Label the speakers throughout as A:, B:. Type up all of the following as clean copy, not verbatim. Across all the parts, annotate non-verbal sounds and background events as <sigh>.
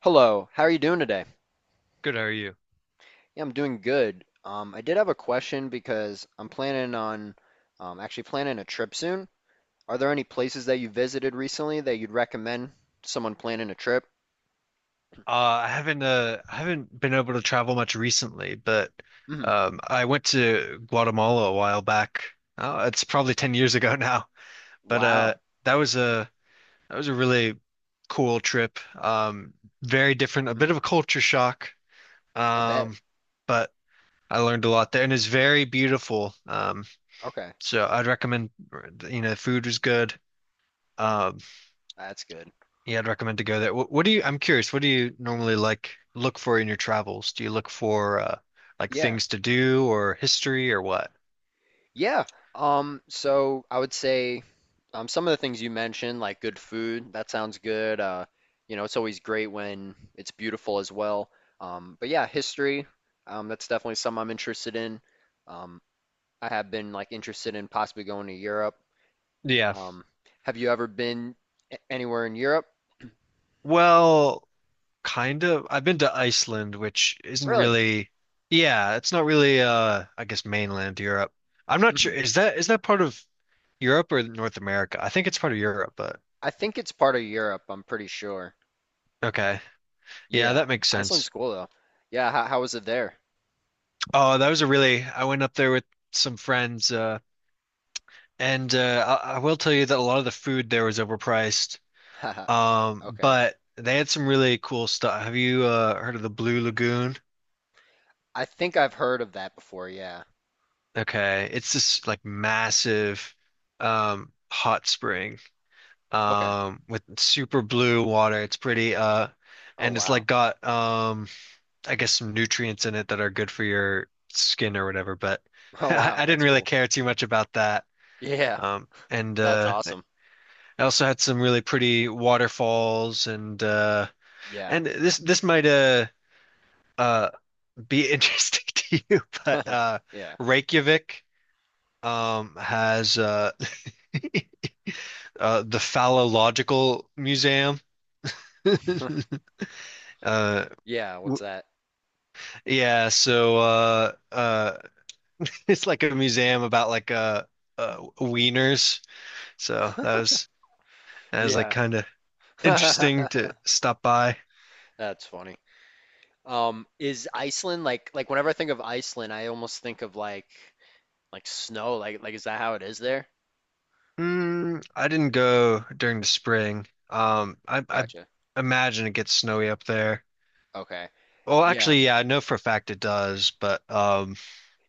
A: Hello, how are you doing today?
B: Good, how are you?
A: Yeah, I'm doing good. I did have a question because I'm planning on actually planning a trip soon. Are there any places that you visited recently that you'd recommend someone planning a trip?
B: Uh, I haven't been able to travel much recently, but
A: Hmm.
B: I went to Guatemala a while back. Oh, it's probably 10 years <laughs> ago now, but
A: Wow.
B: that was a that was a really cool trip. Very different, a
A: Hmm.
B: bit of a culture shock,
A: I bet.
B: um, but I learned a lot there, and it's very beautiful. Um,
A: Okay,
B: so I'd recommend, you know, food was good. Um
A: that's good.
B: Yeah, I'd recommend to go there. I'm curious, what do you normally like look for in your travels? Do you look for like
A: Yeah.
B: things to do or history or what?
A: Yeah. So I would say some of the things you mentioned, like good food, that sounds good. It's always great when it's beautiful as well. But yeah, history, that's definitely something I'm interested in. Um, I have been like interested in possibly going to Europe.
B: Yeah.
A: Um, have you ever been anywhere in Europe?
B: Well, kind of. I've been to Iceland, which isn't
A: Really?
B: really, yeah, it's not really I guess mainland Europe. I'm not sure.
A: Hmm.
B: Is that part of Europe or North America? I think it's part of Europe, but
A: I think it's part of Europe, I'm pretty sure.
B: okay. Yeah,
A: Yeah,
B: that makes sense.
A: Iceland's cool though. Yeah, how was it there?
B: Oh, that was a really I went up there with some friends and I will tell you that a lot of the food there was overpriced.
A: <laughs> Okay.
B: But they had some really cool stuff. Have you heard of the Blue Lagoon?
A: I think I've heard of that before, yeah.
B: Okay, it's this like massive hot spring
A: Okay.
B: with super blue water. It's pretty,
A: Oh
B: and it's like
A: wow. <laughs>
B: got I guess some nutrients in it that are good for your skin or whatever. But <laughs>
A: Oh
B: I,
A: wow,
B: I didn't
A: that's
B: really
A: cool.
B: care too much about that.
A: Yeah,
B: And
A: that's awesome.
B: I also had some really pretty waterfalls and
A: Yeah.
B: and this might uh be interesting <laughs> to you, but
A: <laughs> Yeah.
B: Reykjavik has the Phallological Museum. <laughs> Uh
A: Yeah, what's
B: w-
A: that?
B: yeah, so uh uh <laughs> it's like a museum about like wieners. So that was like
A: Yeah.
B: kind of interesting to
A: <laughs>
B: stop by.
A: That's funny. Is Iceland like whenever I think of Iceland, I almost think of like snow, like is that how it is there?
B: Mm, I didn't go during the spring. I
A: Gotcha.
B: imagine it gets snowy up there.
A: Okay.
B: Well,
A: Yeah.
B: actually, yeah, I know for a fact it does, but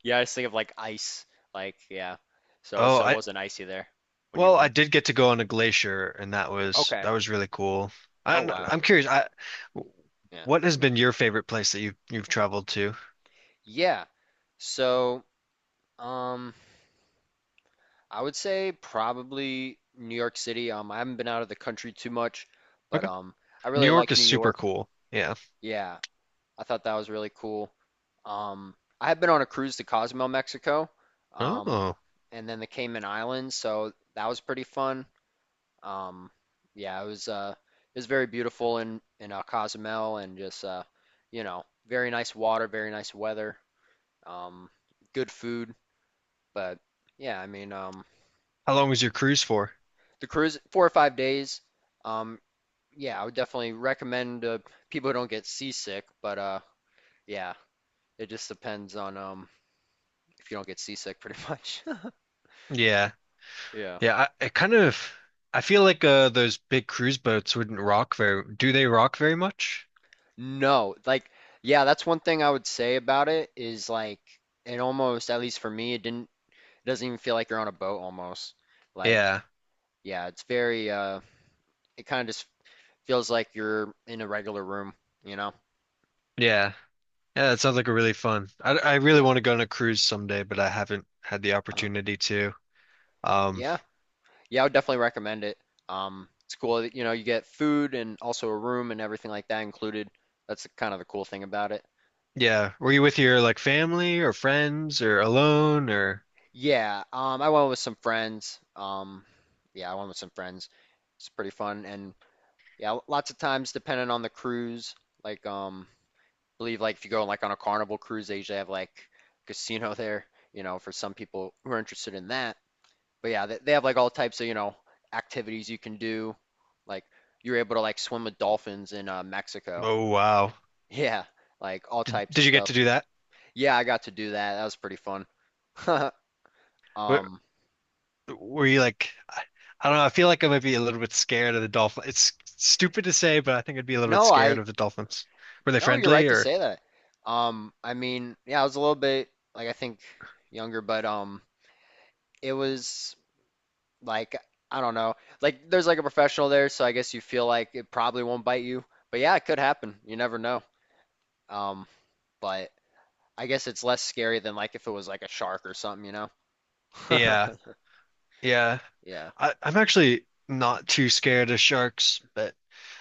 A: Yeah, I just think of like ice. Like, yeah.
B: oh,
A: So it
B: I
A: wasn't icy there when you
B: well, I
A: went.
B: did get to go on a glacier, and
A: Okay.
B: that was really cool.
A: Oh
B: I'm
A: wow.
B: I'm curious, I
A: Yeah.
B: what has been your favorite place that you've traveled to?
A: Yeah. So, um I would say probably New York City. I haven't been out of the country too much, but
B: Okay,
A: I
B: New
A: really like
B: York is
A: New
B: super
A: York.
B: cool. Yeah.
A: Yeah, I thought that was really cool. Um, I had been on a cruise to Cozumel, Mexico, um,
B: Oh,
A: and then the Cayman Islands, so that was pretty fun. Um, yeah, it was very beautiful in Cozumel, and just very nice water, very nice weather, um, good food. But yeah, I mean,
B: how long was your cruise for?
A: the cruise 4 or 5 days. Um, yeah, I would definitely recommend people who don't get seasick, but yeah, it just depends on if you don't get seasick, pretty much. <laughs>
B: Yeah,
A: Yeah.
B: yeah. I kind of I feel like those big cruise boats wouldn't rock very. Do they rock very much?
A: No, like, yeah, that's one thing I would say about it is like it almost, at least for me, it doesn't even feel like you're on a boat almost. Like,
B: Yeah,
A: yeah, it's very. It kind of just feels like you're in a regular room, you know?
B: yeah. Yeah, that sounds like a really fun. I really
A: Yeah.
B: want to go on a cruise someday, but I haven't had the
A: Uh-huh.
B: opportunity to. Um,
A: Yeah. Yeah, I would definitely recommend it. It's cool that, you know, you get food and also a room and everything like that included. That's kind of the cool thing about it.
B: yeah, were you with your like family or friends or alone or?
A: Yeah, I went with some friends. Yeah, I went with some friends. It's pretty fun and yeah, lots of times depending on the cruise, like believe like if you go like on a Carnival cruise, they usually have like casino <laughs> there, you know, for some people who are interested in that. But yeah, they have like all types of, you know, activities you can do. Like you are able to like swim with dolphins in Mexico.
B: Oh wow,
A: Yeah, like all
B: did
A: types of
B: did you get
A: stuff.
B: to do that?
A: Yeah, I got to do that. That was pretty fun. <laughs>
B: Were,
A: Um,
B: were you like? I don't know. I feel like I might be a little bit scared of the dolphin. It's stupid to say, but I think I'd be a little bit
A: no,
B: scared
A: I
B: of the dolphins. Were they
A: no, you're right
B: friendly
A: to
B: or?
A: say that. I mean, yeah, I was a little bit like I think younger, but it was like I don't know, like there's like a professional there, so I guess you feel like it probably won't bite you. But yeah, it could happen. You never know. Um, but I guess it's less scary than like if it was like a shark or something, you know?
B: Yeah,
A: <laughs>
B: yeah.
A: Yeah.
B: I'm actually not too scared of sharks, but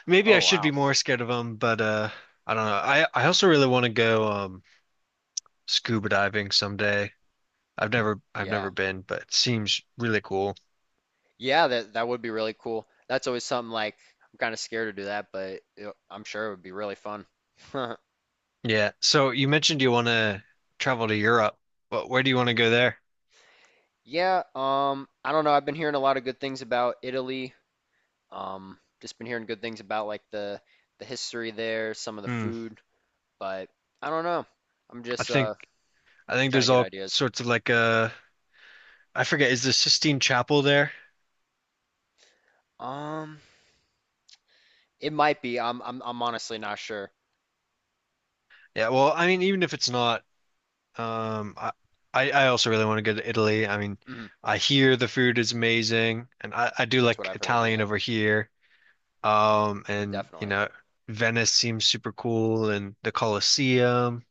B: maybe I
A: Oh
B: should be
A: wow.
B: more scared of them. But I don't know. I also really want to go scuba diving someday. I've
A: Yeah.
B: never been, but it seems really cool.
A: Yeah, that would be really cool. That's always something like I'm kind of scared to do that, but I'm sure it would be really fun. <laughs>
B: Yeah. So you mentioned you want to travel to Europe, but where do you want to go there?
A: Yeah, I don't know. I've been hearing a lot of good things about Italy. Just been hearing good things about like the history there, some of the
B: Hmm.
A: food, but I don't know. I'm
B: I
A: just
B: think I think
A: trying to
B: there's
A: get
B: all
A: ideas.
B: sorts of like I forget, is the Sistine Chapel there?
A: Um, it might be. I'm honestly not sure.
B: Yeah. Well, I mean, even if it's not. Um, I, I also really want to go to Italy. I mean,
A: Mhm.
B: I hear the food is amazing, and I do
A: That's what
B: like
A: I've heard.
B: Italian
A: Yeah,
B: over here. And you
A: definitely.
B: know, Venice seems super cool, and the Colosseum.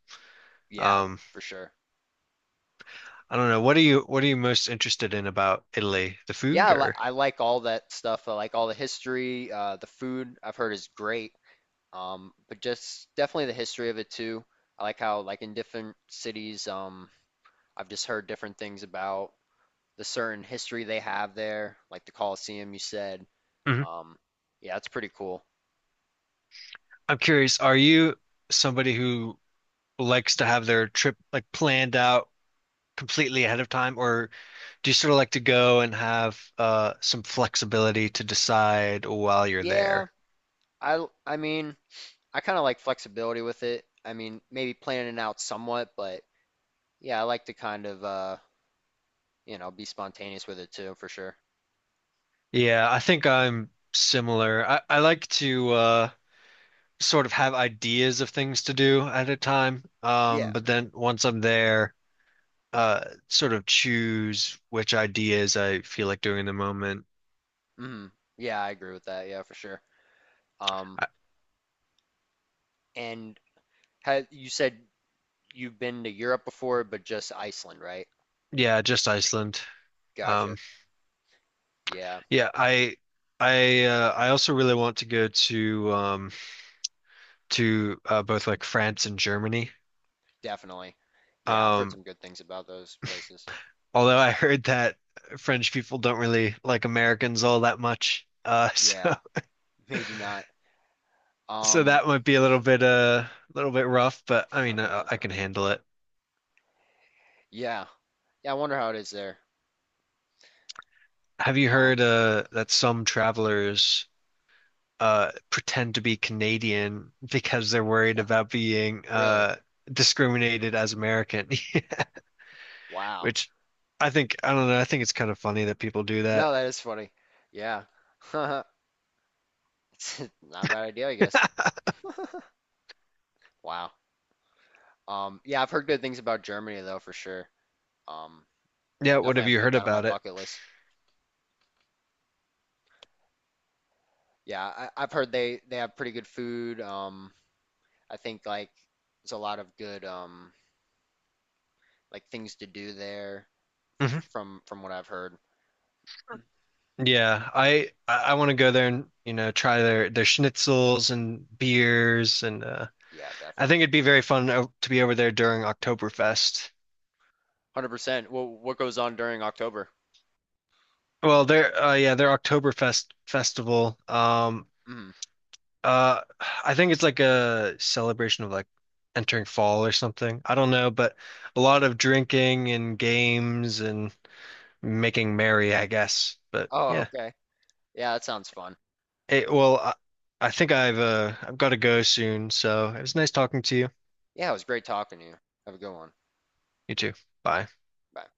A: Yeah,
B: Um,
A: for sure.
B: I don't know. What are you most interested in about Italy? The
A: Yeah,
B: food, or
A: I like all that stuff. I like all the history. The food I've heard is great. But just definitely the history of it too. I like how like in different cities, I've just heard different things about the certain history they have there, like the Colosseum you said.
B: mhm.
A: Um, yeah, it's pretty cool.
B: I'm curious. Are you somebody who likes to have their trip like planned out completely ahead of time, or do you sort of like to go and have some flexibility to decide while you're
A: Yeah,
B: there?
A: I mean, I kind of like flexibility with it. I mean, maybe planning it out somewhat, but yeah, I like to kind of you know, be spontaneous with it too, for sure.
B: Yeah, I think I'm similar. I like to sort of have ideas of things to do at a time,
A: Yeah.
B: but then once I'm there, sort of choose which ideas I feel like doing in the moment.
A: Hmm. Yeah, I agree with that. Yeah, for sure. Um,
B: I,
A: and had you said you've been to Europe before, but just Iceland, right?
B: yeah, just Iceland.
A: Gotcha.
B: Um,
A: Yeah,
B: yeah, I. I also really want to go to both like France and Germany.
A: definitely. Yeah, I've heard
B: Um,
A: some good things about those places.
B: Although I heard that French people don't really like Americans all that much. <laughs> So
A: Yeah, maybe not.
B: so
A: Um,
B: that might be a little bit rough, but I mean I
A: <laughs>
B: can handle it.
A: yeah, yeah. I wonder how it is there.
B: Have you heard
A: Um,
B: that some travelers pretend to be Canadian <laughs> because they're worried about being
A: really?
B: discriminated as American? <laughs>
A: Wow.
B: Which I think I don't know. I think it's kind of funny that people do that.
A: No, that is funny. Yeah. <laughs> It's not a bad idea, I guess. <laughs> Wow. Yeah, I've heard good things about Germany though, for sure. Um,
B: Yeah, what
A: definitely
B: have
A: have to
B: you
A: put
B: heard
A: that on my
B: about it?
A: bucket list. Yeah, I've heard they have pretty good food. I think like there's a lot of good like things to do there
B: Mm-hmm.
A: from what I've heard.
B: Yeah, I want to go there and you know try their schnitzels and beers and
A: Yeah,
B: I think
A: definitely.
B: it'd be very fun to be over there during Oktoberfest.
A: 100%. Well, what goes on during October?
B: Well, their yeah their Oktoberfest festival.
A: Mhm.
B: Uh, I think it's like a celebration of like entering fall or something. I don't know, but a lot of drinking and games and making merry, I guess. But
A: Oh,
B: yeah,
A: okay. Yeah, that sounds fun.
B: it, well, I think I've got to go soon. So it was nice talking to you.
A: Yeah, it was great talking to you. Have a good one.
B: You too. Bye.
A: Bye.